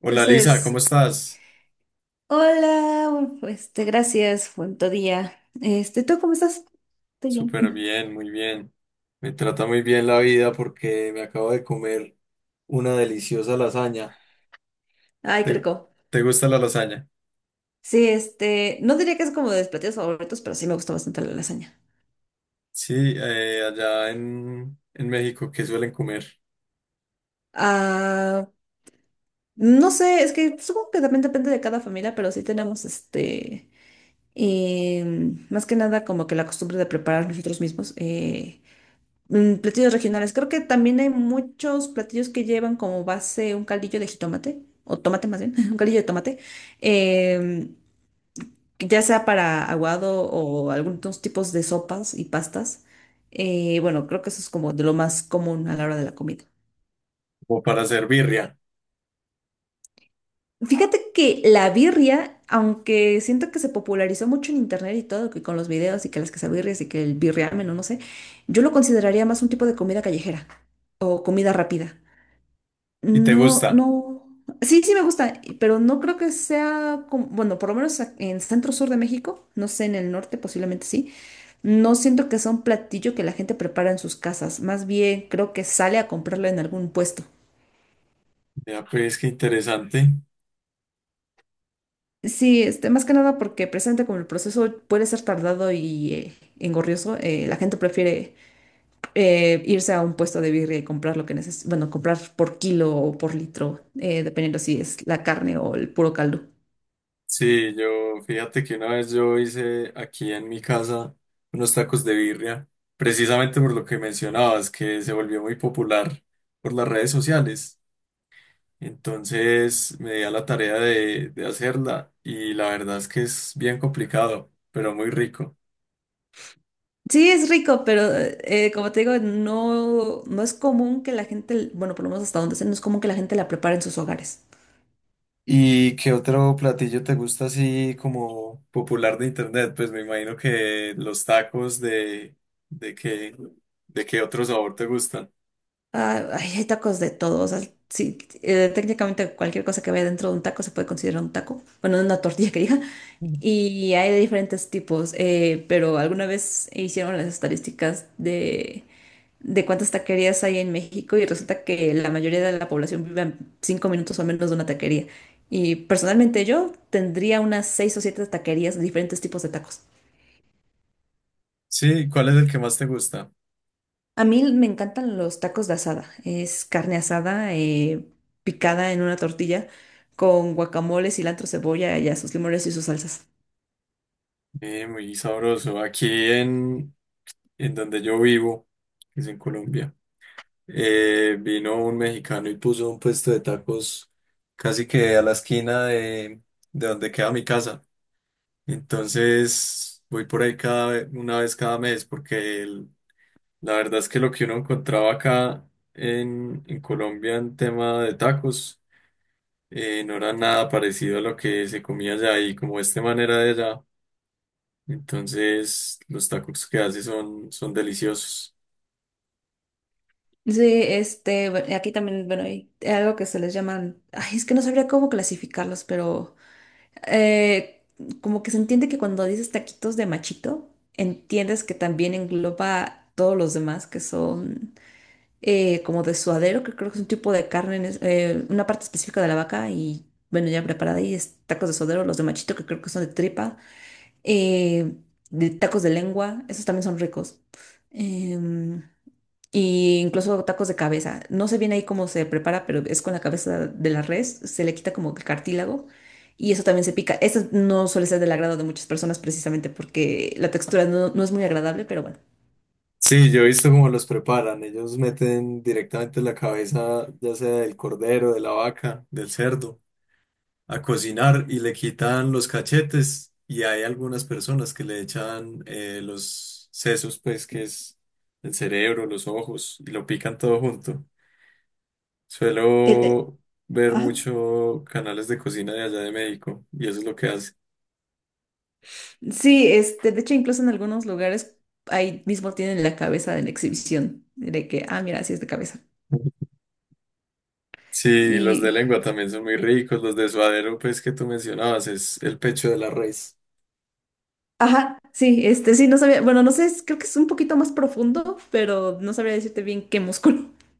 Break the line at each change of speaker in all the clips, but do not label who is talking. Hola Lisa,
Entonces,
¿cómo estás?
hola, gracias, buen tu día. ¿Tú cómo estás? Estoy bien.
Súper bien, muy bien. Me trata muy bien la vida porque me acabo de comer una deliciosa lasaña.
Ay, qué
¿Te,
rico.
¿te gusta la lasaña?
Sí, no diría que es como de mis platillos favoritos, pero sí me gusta bastante la lasaña.
Sí, allá en México, ¿qué suelen comer?
Ah, no sé, es que supongo que también depende de cada familia, pero sí tenemos más que nada como que la costumbre de preparar nosotros mismos. Platillos regionales. Creo que también hay muchos platillos que llevan como base un caldillo de jitomate, o tomate más bien, un caldillo de tomate, em, que ya sea para aguado o algunos tipos de sopas y pastas. Bueno, creo que eso es como de lo más común a la hora de la comida.
Como para hacer birria.
Fíjate que la birria, aunque siento que se popularizó mucho en internet y todo, que con los videos y que las quesabirrias y que el birriamen o no sé, yo lo consideraría más un tipo de comida callejera o comida rápida.
¿Y te
No,
gusta?
no. Sí, sí me gusta, pero no creo que sea como, bueno, por lo menos en centro sur de México, no sé, en el norte posiblemente sí. No siento que sea un platillo que la gente prepara en sus casas, más bien creo que sale a comprarlo en algún puesto.
Ya, pues qué interesante.
Sí, más que nada porque presente como el proceso puede ser tardado y engorrioso, la gente prefiere irse a un puesto de birria y comprar lo que necesita, bueno, comprar por kilo o por litro, dependiendo si es la carne o el puro caldo.
Sí, yo, fíjate que una vez yo hice aquí en mi casa unos tacos de birria, precisamente por lo que mencionabas, que se volvió muy popular por las redes sociales. Entonces me di a la tarea de hacerla y la verdad es que es bien complicado, pero muy rico.
Sí, es rico, pero como te digo, no, no es común que la gente, bueno, por lo menos hasta donde sé, no es común que la gente la prepare en sus hogares.
¿Y qué otro platillo te gusta así como popular de internet? Pues me imagino que los tacos de qué, de qué otro sabor te gustan.
Ah, ay, hay tacos de todo. O sea, sí, técnicamente cualquier cosa que vaya dentro de un taco se puede considerar un taco. Bueno, una tortilla que diga. Y hay de diferentes tipos. Pero alguna vez hicieron las estadísticas de cuántas taquerías hay en México y resulta que la mayoría de la población vive a cinco minutos o menos de una taquería. Y personalmente yo tendría unas seis o siete taquerías de diferentes tipos de tacos.
Sí, ¿cuál es el que más te gusta?
A mí me encantan los tacos de asada. Es carne asada picada en una tortilla con guacamole, cilantro, cebolla y a sus limones y sus salsas.
Muy sabroso. Aquí en, en donde yo vivo, que es en Colombia. Vino un mexicano y puso un puesto de tacos casi que a la esquina de donde queda mi casa. Entonces voy por ahí cada, una vez cada mes porque la verdad es que lo que uno encontraba acá en Colombia en tema de tacos no era nada parecido a lo que se comía allá y como este manera de allá. Entonces los tacos que hace son, son deliciosos.
Sí, aquí también, bueno, hay algo que se les llaman, ay, es que no sabría cómo clasificarlos, pero eh, como que se entiende que cuando dices taquitos de machito, entiendes que también engloba todos los demás que son como de suadero, que creo que es un tipo de carne, una parte específica de la vaca y bueno, ya preparada y es tacos de suadero, los de machito que creo que son de tripa, eh, de tacos de lengua, esos también son ricos. Em, y incluso tacos de cabeza. No sé bien ahí cómo se prepara, pero es con la cabeza de la res, se le quita como que el cartílago. Y eso también se pica. Eso no suele ser del agrado de muchas personas precisamente porque la textura no, no es muy agradable, pero bueno.
Sí, yo he visto cómo los preparan. Ellos meten directamente la cabeza, ya sea del cordero, de la vaca, del cerdo, a cocinar y le quitan los cachetes. Y hay algunas personas que le echan los sesos, pues, que es el cerebro, los ojos, y lo pican todo junto.
El- eh,
Suelo ver
ajá.
mucho canales de cocina de allá de México, y eso es lo que hace.
Sí, de hecho, incluso en algunos lugares ahí mismo tienen la cabeza de la exhibición, de que, ah, mira, así es de cabeza.
Sí, los de
Y,
lengua también son muy ricos. Los de suadero, pues, que tú mencionabas, es el pecho de la res.
ajá, sí, sí, no sabía, bueno, no sé, creo que es un poquito más profundo, pero no sabría decirte bien qué músculo.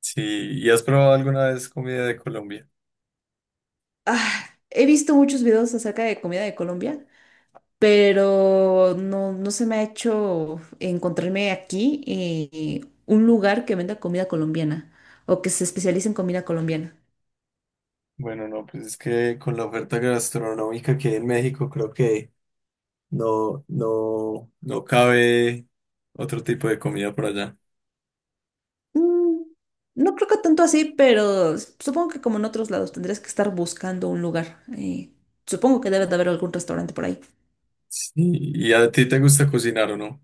Sí, ¿y has probado alguna vez comida de Colombia?
Ah, he visto muchos videos acerca de comida de Colombia, pero no, no se me ha hecho encontrarme aquí un lugar que venda comida colombiana o que se especialice en comida colombiana.
Bueno, no, pues es que con la oferta gastronómica que hay en México, creo que no, no, no cabe otro tipo de comida por allá.
Mm, no creo que tanto así, pero supongo que como en otros lados tendrías que estar buscando un lugar. Supongo que debe de haber algún restaurante por ahí.
Sí, ¿y a ti te gusta cocinar o no?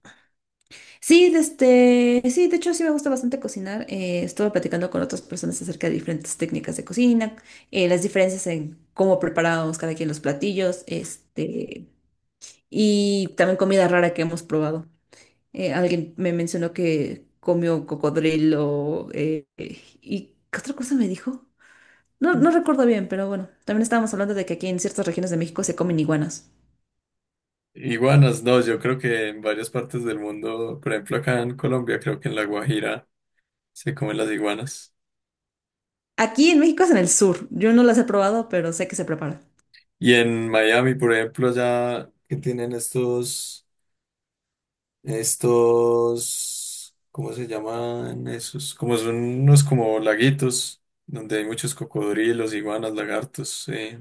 Sí, sí, de hecho sí me gusta bastante cocinar. Estuve platicando con otras personas acerca de diferentes técnicas de cocina, las diferencias en cómo preparamos cada quien los platillos, y también comida rara que hemos probado. Alguien me mencionó que comió cocodrilo, y ¿qué otra cosa me dijo? No, no recuerdo bien, pero bueno, también estábamos hablando de que aquí en ciertas regiones de México se comen iguanas.
Iguanas, no, yo creo que en varias partes del mundo, por ejemplo acá en Colombia, creo que en La Guajira se comen las iguanas.
Aquí en México es en el sur. Yo no las he probado, pero sé que se preparan.
Y en Miami, por ejemplo, allá que tienen estos estos, ¿cómo se llaman esos? Como son unos como laguitos, donde hay muchos cocodrilos, iguanas, lagartos,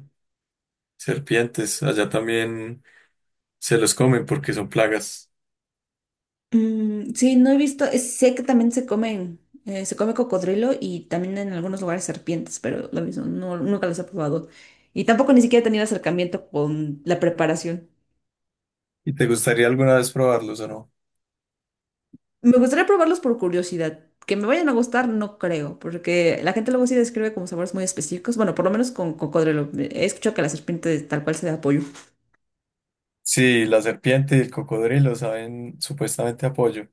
serpientes. Allá también se los comen porque son plagas.
Mm, sí, no he visto, sé que también se comen, se come cocodrilo y también en algunos lugares serpientes, pero lo mismo, no, nunca los he probado. Y tampoco ni siquiera he tenido acercamiento con la preparación.
¿Y te gustaría alguna vez probarlos o no?
Me gustaría probarlos por curiosidad. Que me vayan a gustar, no creo, porque la gente luego sí describe como sabores muy específicos. Bueno, por lo menos con cocodrilo. He escuchado que la serpiente tal cual se da apoyo.
Sí, la serpiente y el cocodrilo saben supuestamente apoyo.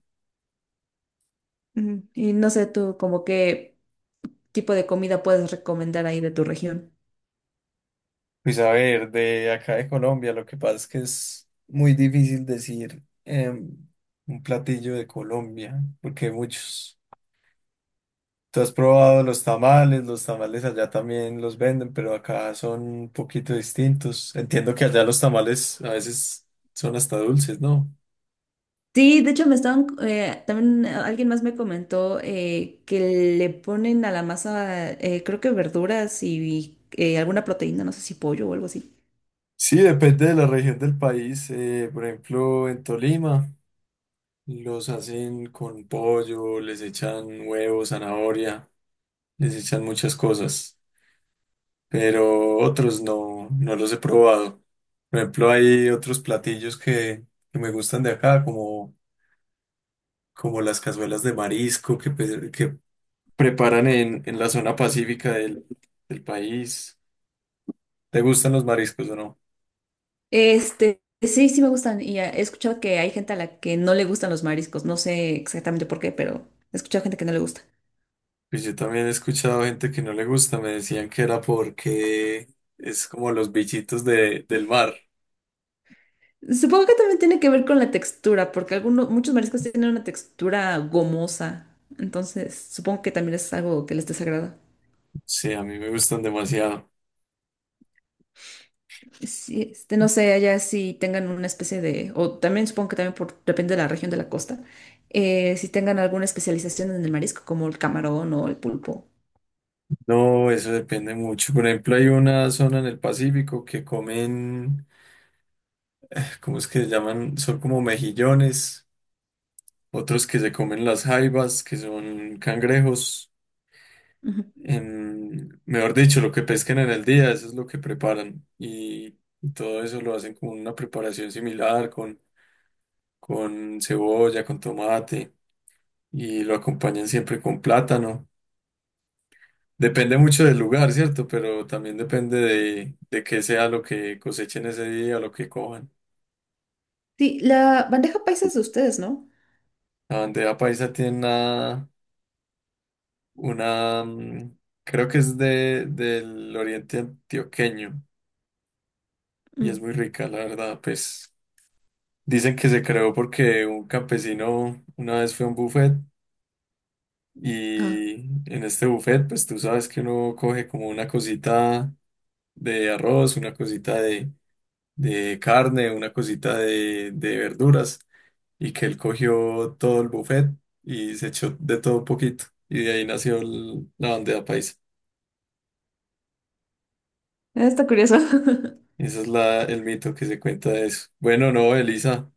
Ujú. Y no sé tú, como qué tipo de comida puedes recomendar ahí de tu región.
Pues a ver, de acá de Colombia, lo que pasa es que es muy difícil decir un platillo de Colombia, porque hay muchos. ¿Tú has probado los tamales? Los tamales allá también los venden, pero acá son un poquito distintos. Entiendo que allá los tamales a veces son hasta dulces, ¿no?
Sí, de hecho me estaban, también alguien más me comentó que le ponen a la masa, creo que verduras y, alguna proteína, no sé si pollo o algo así.
Sí, depende de la región del país. Por ejemplo, en Tolima los hacen con pollo, les echan huevo, zanahoria, les echan muchas cosas, pero otros no, no los he probado. Por ejemplo, hay otros platillos que me gustan de acá, como, como las cazuelas de marisco que preparan en la zona pacífica del país. ¿Te gustan los mariscos o no?
Este, sí, sí me gustan y he escuchado que hay gente a la que no le gustan los mariscos, no sé exactamente por qué, pero he escuchado gente que no le gusta.
Pues yo también he escuchado gente que no le gusta, me decían que era porque es como los bichitos del mar.
Supongo que también tiene que ver con la textura, porque algunos, muchos mariscos tienen una textura gomosa. Entonces, supongo que también es algo que les desagrada.
Sí, a mí me gustan demasiado.
Sí, no sé, allá si tengan una especie de, o también supongo que también por, depende de la región de la costa, si tengan alguna especialización en el marisco, como el camarón o el pulpo.
No, eso depende mucho. Por ejemplo, hay una zona en el Pacífico que comen, ¿cómo es que se llaman? Son como mejillones, otros que se comen las jaivas, que son cangrejos.
Ujú.
Em, mejor dicho, lo que pesquen en el día, eso es lo que preparan. Y todo eso lo hacen con una preparación similar, con cebolla, con tomate, y lo acompañan siempre con plátano. Depende mucho del
Eh,
lugar, ¿cierto? Pero también depende de qué sea lo que cosechen ese día, o lo que cojan.
Sí, la bandeja paisa es de ustedes, ¿no?
La bandeja paisa tiene una, mm, creo que es del oriente antioqueño y es
Mm.
muy rica, la verdad, pues. Dicen que se creó porque un campesino una vez fue a un buffet
Ah,
y en este buffet, pues tú sabes que uno coge como una cosita de arroz, una cosita de carne, una cosita de verduras y que él cogió todo el buffet y se echó de todo un poquito y de ahí nació la bandeja paisa.
está curioso.
Ese es la, el mito que se cuenta de eso. Bueno, no, Elisa,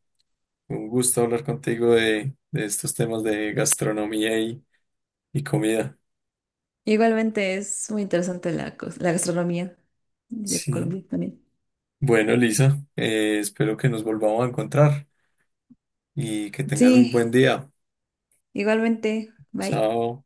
un gusto hablar contigo de estos temas de gastronomía y comida.
Igualmente es muy interesante la, la gastronomía de
Sí.
Colombia también.
Bueno, Lisa, espero que nos volvamos a encontrar y que tengas un
Sí.
buen día.
Igualmente, bye.
Chao.